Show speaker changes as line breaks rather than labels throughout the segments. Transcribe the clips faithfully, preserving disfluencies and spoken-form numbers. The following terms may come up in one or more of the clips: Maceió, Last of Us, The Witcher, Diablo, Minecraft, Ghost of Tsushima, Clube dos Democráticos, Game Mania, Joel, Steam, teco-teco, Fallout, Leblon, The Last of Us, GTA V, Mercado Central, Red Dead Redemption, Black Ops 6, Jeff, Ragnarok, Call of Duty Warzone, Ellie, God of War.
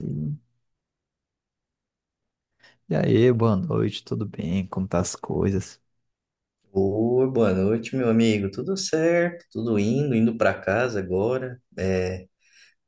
Sim. E aí, boa noite, tudo bem? Como tá as coisas?
Oi, boa noite, meu amigo. Tudo certo? Tudo indo, indo para casa agora. É,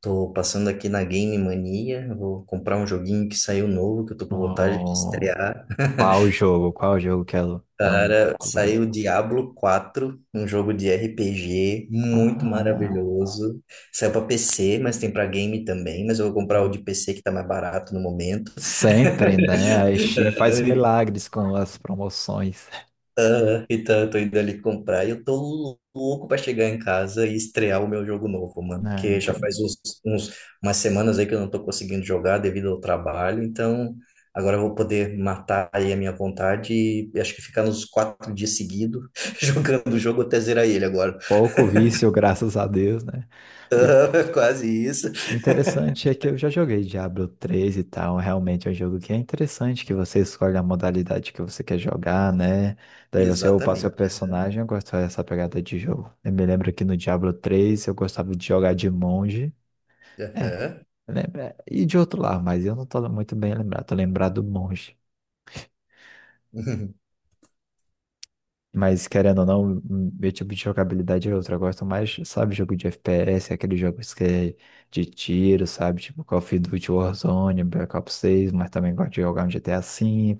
tô passando aqui na Game Mania. Vou comprar um joguinho que saiu novo, que eu tô com vontade de
Oh,
estrear.
qual o jogo? Qual o jogo que ela tão
Cara,
tô curioso.
saiu Diablo quatro, um jogo de R P G muito
Ah,
maravilhoso. Saiu para P C, mas tem para game também, mas eu vou comprar o
hum.
de P C que tá mais barato no momento.
Sempre, né? A Steam faz milagres com as promoções,
Ah, Então, eu tô indo ali comprar e eu tô louco pra chegar em casa e estrear o meu jogo novo, mano.
né?
Que
Ente-
já faz uns, uns, umas semanas aí que eu não tô conseguindo jogar devido ao trabalho. Então, agora eu vou poder matar aí a minha vontade e acho que ficar nos quatro dias seguidos jogando o jogo até zerar ele agora.
Pouco vício, graças a Deus, né? E
Ah, Quase isso.
interessante é que eu já joguei Diablo três e tal. Realmente é um jogo que é interessante, que você escolhe a modalidade que você quer jogar, né? Daí você upa seu
Exatamente.
personagem. Eu gosto dessa pegada de jogo. Eu me lembro que no Diablo três, eu gostava de jogar de monge. É,
Aham.
lembra? E de outro lado, mas eu não tô muito bem lembrado. Tô lembrado do monge. Mas querendo ou não, hum, meu tipo de jogabilidade é outra. Eu gosto mais, sabe, jogo de F P S, aqueles jogos que é de tiro, sabe? Tipo Call of Duty Warzone, Black Ops seis, mas também gosto de jogar um G T A V,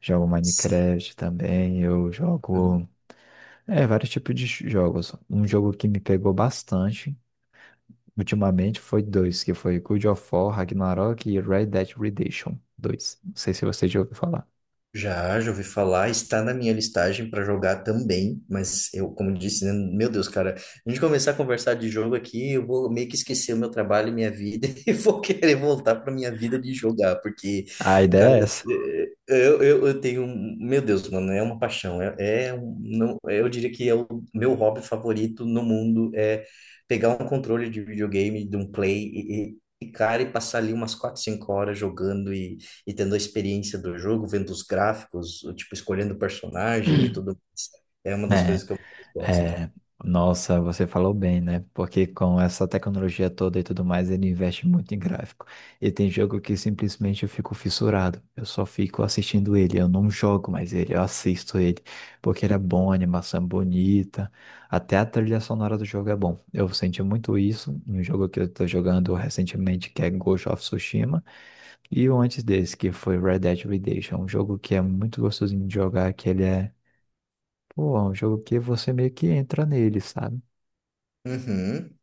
jogo
Sim.
Minecraft também, eu
Uhum.
jogo é, vários tipos de jogos. Um jogo que me pegou bastante ultimamente foi dois, que foi God of War, Ragnarok e Red Dead Redemption Dois. Não sei se você já ouviu falar.
Já, já ouvi falar, está na minha listagem para jogar também, mas eu, como disse, né, meu Deus, cara, a gente começar a conversar de jogo aqui, eu vou meio que esquecer o meu trabalho e minha vida e vou querer voltar para minha vida de jogar, porque,
A
cara,
ideia é essa.
eh, eu, eu, eu tenho, um- meu Deus, mano, é uma paixão, é, é um- não, eu diria que é o meu hobby favorito no mundo, é pegar um controle de videogame, de um play e, e- e, cara, e passar ali umas quatro, cinco horas jogando e tendo a experiência do jogo, vendo os gráficos, o tipo, escolhendo o personagem e tudo mais. É uma das
É.
coisas que eu mais gosto.
É, nossa, você falou bem, né? Porque com essa tecnologia toda e tudo mais, ele investe muito em gráfico. E tem jogo que simplesmente eu fico fissurado. Eu só fico assistindo ele. Eu não jogo mais ele, eu assisto ele. Porque ele é bom, a animação é bonita. Até a trilha sonora do jogo é bom. Eu senti muito isso no jogo que eu tô jogando recentemente, que é Ghost of Tsushima. E o antes desse, que foi Red Dead Redemption. Um jogo que é muito gostosinho de jogar, que ele é. Pô, é um jogo que você meio que entra nele, sabe?
Uhum.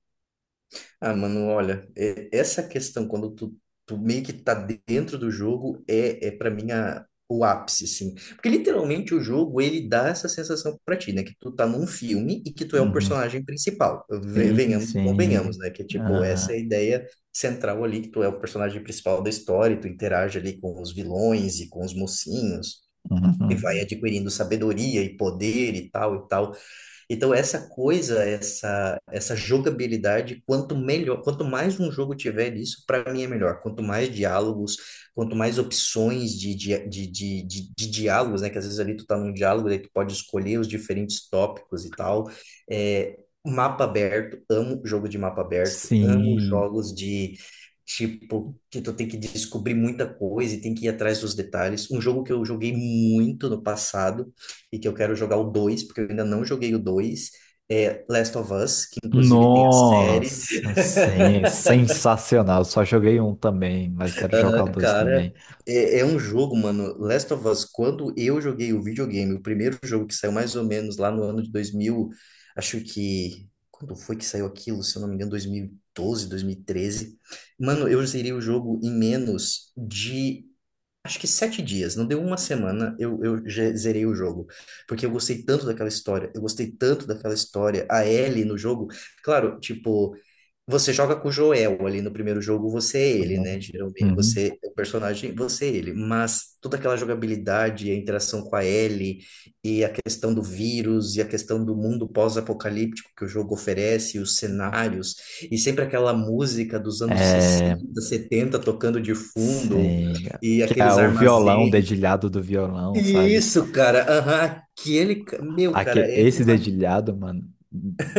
Ah, mano, olha, e- essa questão, quando tu, tu meio que tá dentro do jogo, é, é para mim a, o ápice, assim. Porque literalmente o jogo, ele dá essa sensação pra ti, né? Que tu tá num filme e que tu é o
Uhum.
personagem principal. Ve-
Sim,
Venhamos e
sim.
convenhamos, né? Que, tipo, essa é
Aham,
a ideia central ali, que tu é o personagem principal da história, e tu interage ali com os vilões e com os mocinhos. E vai
uhum.
adquirindo sabedoria e poder e tal e tal. Então, essa coisa, essa, essa jogabilidade, quanto melhor, quanto mais um jogo tiver isso, para mim é melhor. Quanto mais diálogos, quanto mais opções de, de, de, de, de- de diálogos, né? Que às vezes ali tu tá num diálogo, daí tu pode escolher os diferentes tópicos e tal. É, mapa aberto, amo jogo de mapa aberto, amo
Sim.
jogos de tipo que tu tem que descobrir muita coisa e tem que ir atrás dos detalhes. Um jogo que eu joguei muito no passado e que eu quero jogar o dois porque eu ainda não joguei o dois é Last of Us, que inclusive tem a série.
Nossa, sim. Sensacional. Só joguei um também, mas quero jogar
Aham,
o dois
cara,
também.
é, é um jogo, mano. Last of Us, quando eu joguei o videogame, o primeiro jogo que saiu mais ou menos lá no ano de dois mil, acho que. Quando foi que saiu aquilo? Se eu não me engano, dois mil e doze, treze. Mano, eu zerei o jogo em menos de, acho que, sete dias, não deu uma semana, eu, eu já zerei o jogo. Porque eu gostei tanto daquela história, eu gostei tanto daquela história, a Ellie no jogo. Claro, tipo. Você joga com o Joel ali no primeiro jogo, você é ele, né?
Uhum.
Geralmente,
Uhum.
você é o personagem, você é ele. Mas toda aquela jogabilidade, a interação com a Ellie, e a questão do vírus, e a questão do mundo pós-apocalíptico que o jogo oferece, os cenários, e sempre aquela música dos anos
É,
sessenta setenta tocando de fundo,
sim.
e
Que é
aqueles
o violão, o
armazéns.
dedilhado do violão, sabe?
Isso, cara, aham, aquele. Ca- Meu, cara,
Aque-
é.
esse
Uma
dedilhado, mano,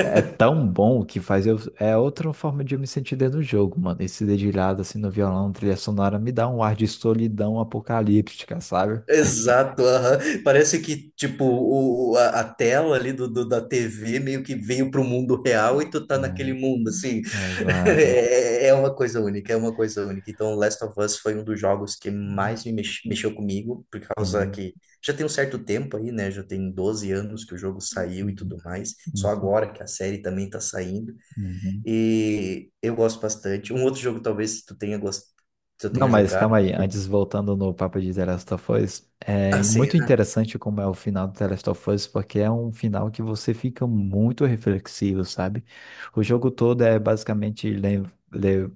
é tão bom que faz eu. É outra forma de eu me sentir dentro do jogo, mano. Esse dedilhado, assim, no violão, trilha sonora, me dá um ar de solidão apocalíptica, sabe?
Exato, aham. Parece que, tipo, o, o- a, a tela ali do, do- da tê vê meio que veio pro mundo real e tu tá
É.
naquele mundo, assim.
Exato.
É, é uma coisa única, é uma coisa única. Então, Last of Us foi um dos jogos que mais me mex- mexeu comigo, por causa
Uhum,
que já tem um certo tempo aí, né? Já tem doze anos que o jogo saiu e tudo
uhum,
mais. Só
uhum,
agora que a série também tá saindo.
uhum.
E eu gosto bastante. Um outro jogo, talvez, que tu tenha gostado, que eu
Não,
tenha
mas
jogado.
calma
Não
aí.
sei.
Antes, voltando no papo de The Last of Us,
Ah,
é muito
sim.
interessante como é o final do The Last of Us, porque é um final que você fica muito reflexivo, sabe? O jogo todo é basicamente le- le-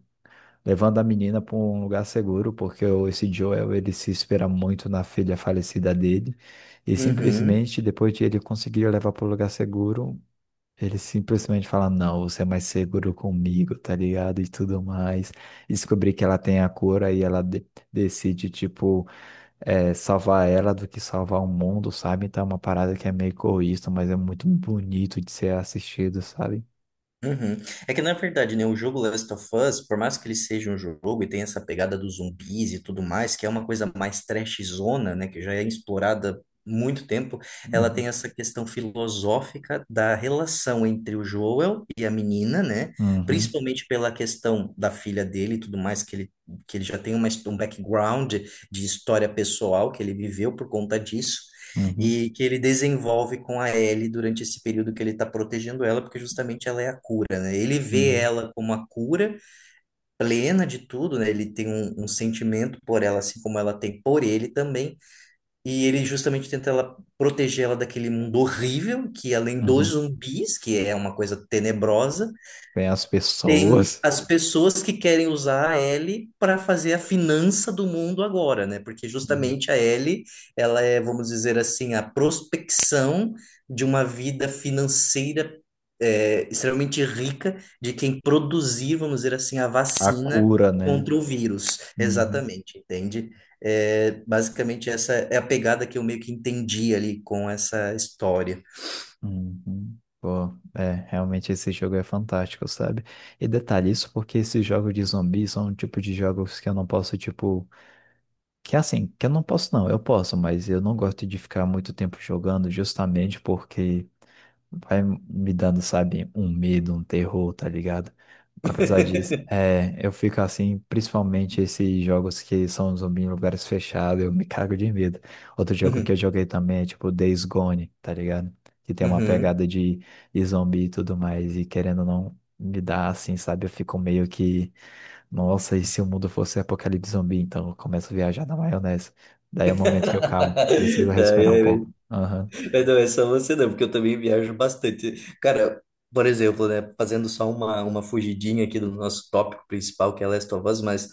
levando a menina para um lugar seguro, porque o- esse Joel, ele se espera muito na filha falecida dele, e
Uhum.
simplesmente, depois de ele conseguir levar para o lugar seguro, ele simplesmente fala, não, você é mais seguro comigo, tá ligado? E tudo mais. Descobri que ela tem a cura e ela de- decide, tipo, é, salvar ela do que salvar o mundo, sabe? Então é uma parada que é meio egoísta, mas é muito bonito de ser assistido, sabe?
Uhum. É que na verdade, né, o jogo Last of Us, por mais que ele seja um jogo e tenha essa pegada dos zumbis e tudo mais, que é uma coisa mais trashzona, né, que já é explorada há muito tempo, ela
Uhum,
tem essa questão filosófica da relação entre o Joel e a menina, né,
uhum,
principalmente pela questão da filha dele e tudo mais, que ele, que ele já tem uma, his- um background de história pessoal que ele viveu por conta disso
uhum,
e que ele desenvolve com a Ellie durante esse período que ele está protegendo ela, porque justamente ela é a cura, né? Ele vê
uhum,
ela como a cura plena de tudo, né? Ele tem um, um sentimento por ela, assim como ela tem por ele também, e ele justamente tenta ela proteger ela daquele mundo horrível, que além dos
uhum.
zumbis, que é uma coisa tenebrosa,
Tem as
tem
pessoas.
as pessoas que querem usar a L para fazer a finança do mundo agora, né? Porque
Uhum.
justamente a L, ela é, vamos dizer assim, a prospecção de uma vida financeira, é, extremamente rica de quem produzir, vamos dizer assim, a
A
vacina
cura, né?
contra o vírus.
Uhum.
Exatamente, entende? É, basicamente, essa é a pegada que eu meio que entendi ali com essa história.
Uhum. Pô, é, realmente esse jogo é fantástico, sabe? E detalhe, isso porque esses jogos de zumbi são um tipo de jogos que eu não posso, tipo. Que assim, que eu não posso, não, eu posso, mas eu não gosto de ficar muito tempo jogando justamente porque vai me dando, sabe, um medo, um terror, tá ligado? Apesar disso, é, eu fico assim, principalmente esses jogos que são zumbi em lugares fechados, eu me cago de medo. Outro jogo que eu
Uhum,
joguei também é tipo Days Gone, tá ligado? Que tem uma
uhum.
pegada de, de zumbi e tudo mais, e querendo ou não me dá assim, sabe? Eu fico meio que, nossa, e se o mundo fosse apocalipse zumbi? Então eu começo a viajar na maionese. Daí é o momento que eu calmo, preciso respirar um
É,
pouco.
é,
Aham.
É, Não, essa você não, porque eu também viajo bastante. Cara, por exemplo, né, fazendo só uma, uma fugidinha aqui do nosso tópico principal, que é Last of Us, mas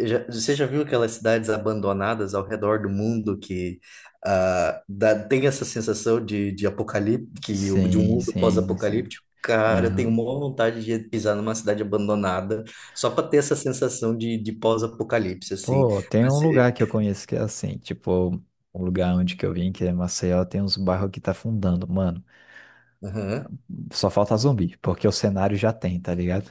já- você já viu aquelas cidades abandonadas ao redor do mundo que ah, dá, tem essa sensação de, de apocalipse, que, o- de um
Sim,
mundo
sim, sim.
pós-apocalíptico? Cara, eu tenho
Aham.
uma vontade de pisar numa cidade abandonada só para ter essa sensação de, de pós-apocalipse, assim.
Pô, tem um
Mas,
lugar que eu conheço que é assim, tipo, um lugar onde que eu vim, que é Maceió, tem uns bairros que tá fundando, mano. Só falta zumbi, porque o cenário já tem, tá ligado?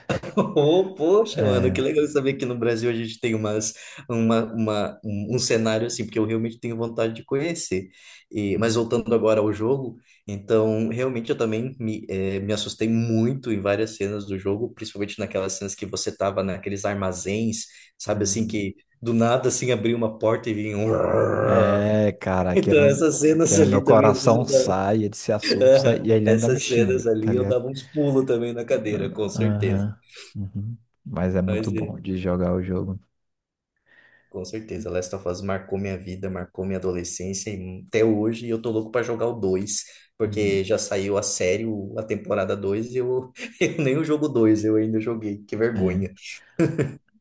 ô, poxa, mano,
É.
que legal saber que no Brasil a gente tem umas, uma, uma, um, um cenário assim, porque eu realmente tenho vontade de conhecer. E, mas voltando agora ao jogo, então realmente eu também me, eh, me assustei muito em várias cenas do jogo, principalmente naquelas cenas que você tava naqueles armazéns, sabe assim,
Uhum.
que do nada assim abriu uma porta e vinha um.
É, cara, aqui
Então
no,
essas cenas
aqui no meu
ali também, às vezes
coração
eu
sai, ele se assusta
dava,
e ele ainda me
essas
xinga,
cenas
tá
ali eu
ligado?
dava uns pulos também na cadeira,
Ah,
com certeza.
aham. Uhum. Mas é muito
Mas, é.
bom de jogar o jogo.
Com certeza, Last of Us marcou minha vida, marcou minha adolescência e até hoje eu tô louco pra jogar o dois, porque
Uhum.
já saiu a série, o- a temporada dois e eu, eu nem o jogo dois eu ainda joguei, que
É.
vergonha.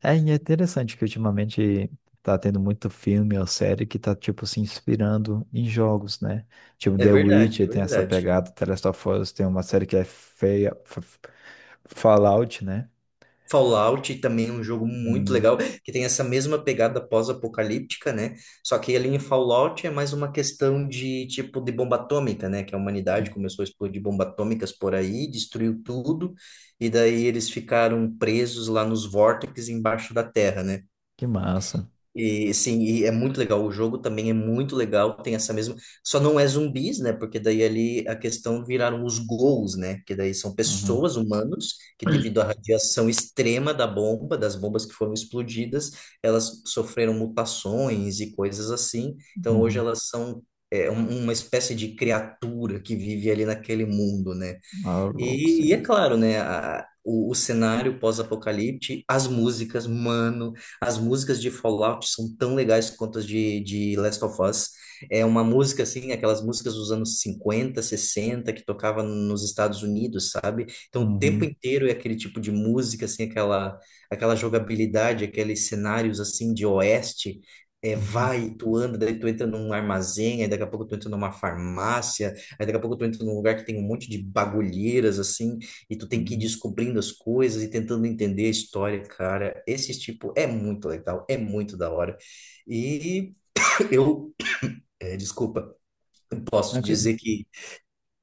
É, e é interessante que ultimamente tá tendo muito filme ou série que tá, tipo, se inspirando em jogos, né? Tipo,
É
The
verdade,
Witcher
é
tem essa
verdade.
pegada, The Last of Us tem uma série que é feia, F- F- Fallout, né?
Fallout também é um jogo muito
Uhum.
legal, que tem essa mesma pegada pós-apocalíptica, né? Só que ali em Fallout é mais uma questão de tipo de bomba atômica, né? Que a humanidade começou a explodir bombas atômicas por aí, destruiu tudo, e daí eles ficaram presos lá nos vórtices embaixo da terra, né?
Que massa.
E sim, e é muito legal. O jogo também é muito legal. Tem essa mesma. Só não é zumbis, né? Porque daí ali a questão viraram os ghouls, né? Que daí são
Uhum.
pessoas, humanos, que devido à radiação extrema da bomba, das bombas que foram explodidas, elas sofreram mutações e coisas assim. Então hoje
Uhum.
elas são é, um- uma espécie de criatura que vive ali naquele mundo, né?
Ah, louco, sim.
E, e é claro, né? a- o, o cenário pós-apocalipse, as músicas, mano, as músicas de Fallout são tão legais quanto as de, de Last of Us. É uma música, assim, aquelas músicas dos anos cinquenta sessenta que tocava nos Estados Unidos, sabe? Então, o tempo
Uhum.
inteiro é aquele tipo de música, assim, aquela, aquela jogabilidade, aqueles cenários, assim, de oeste. É,
Uhum.
vai, tu anda, daí tu entra num armazém, aí daqui a pouco tu entra numa farmácia, aí daqui a pouco tu entra num lugar que tem um monte de bagulheiras, assim, e tu tem que ir
Uhum.
descobrindo as coisas e tentando entender a história, cara. Esse tipo é muito legal, é muito da hora. E eu, eh, Desculpa, posso dizer que,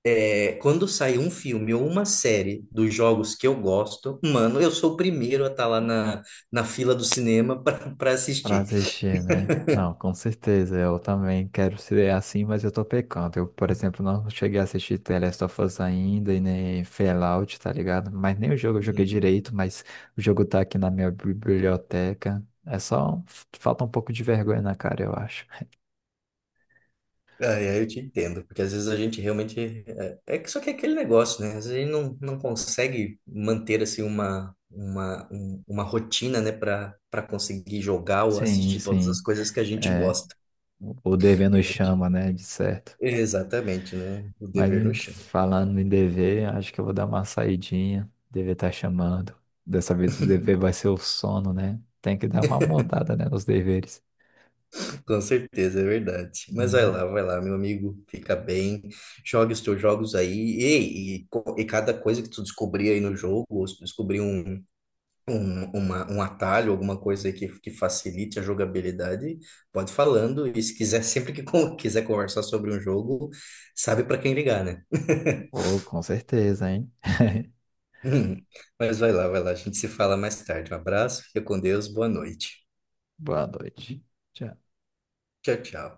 eh, quando sai um filme ou uma série dos jogos que eu gosto, mano, eu sou o primeiro a estar lá na, na fila do cinema para
Pra
assistir.
assistir, né? Não, com certeza. Eu também quero ser assim, mas eu tô pecando. Eu, por exemplo, não cheguei a assistir The Last of Us ainda e nem Fallout, tá ligado? Mas nem o jogo eu joguei direito, mas o jogo tá aqui na minha biblioteca. É só. um- Falta um pouco de vergonha na cara, eu acho.
Ah, é, eu te entendo, porque às vezes a gente realmente. É, é que só que é aquele negócio, né? Às vezes a gente não, não consegue manter assim uma, uma, um- uma rotina, né, para para conseguir jogar ou
Sim,
assistir todas as
sim.
coisas que a gente
É,
gosta.
o o dever
Porque a
nos
gente...
chama, né? De certo.
Exatamente, né? O
Mas
dever no
em
chão.
falando em dever, acho que eu vou dar uma saidinha. Dever tá chamando. Dessa vez o dever vai ser o sono, né? Tem que dar uma mudada, né, nos deveres.
Com certeza, é verdade. Mas vai
Uhum.
lá, vai lá, meu amigo, fica bem, jogue os teus jogos aí. E, e, co- e cada coisa que tu descobrir aí no jogo, ou se tu descobrir um, um, uma, um atalho, alguma coisa aí que, que facilite a jogabilidade, pode ir falando. E se quiser, sempre que con- quiser conversar sobre um jogo, sabe para quem ligar, né?
Oh, com certeza, hein?
Mas vai lá, vai lá, a gente se fala mais tarde. Um abraço, fica com Deus, boa noite.
Boa noite. Tchau.
Tchau, tchau.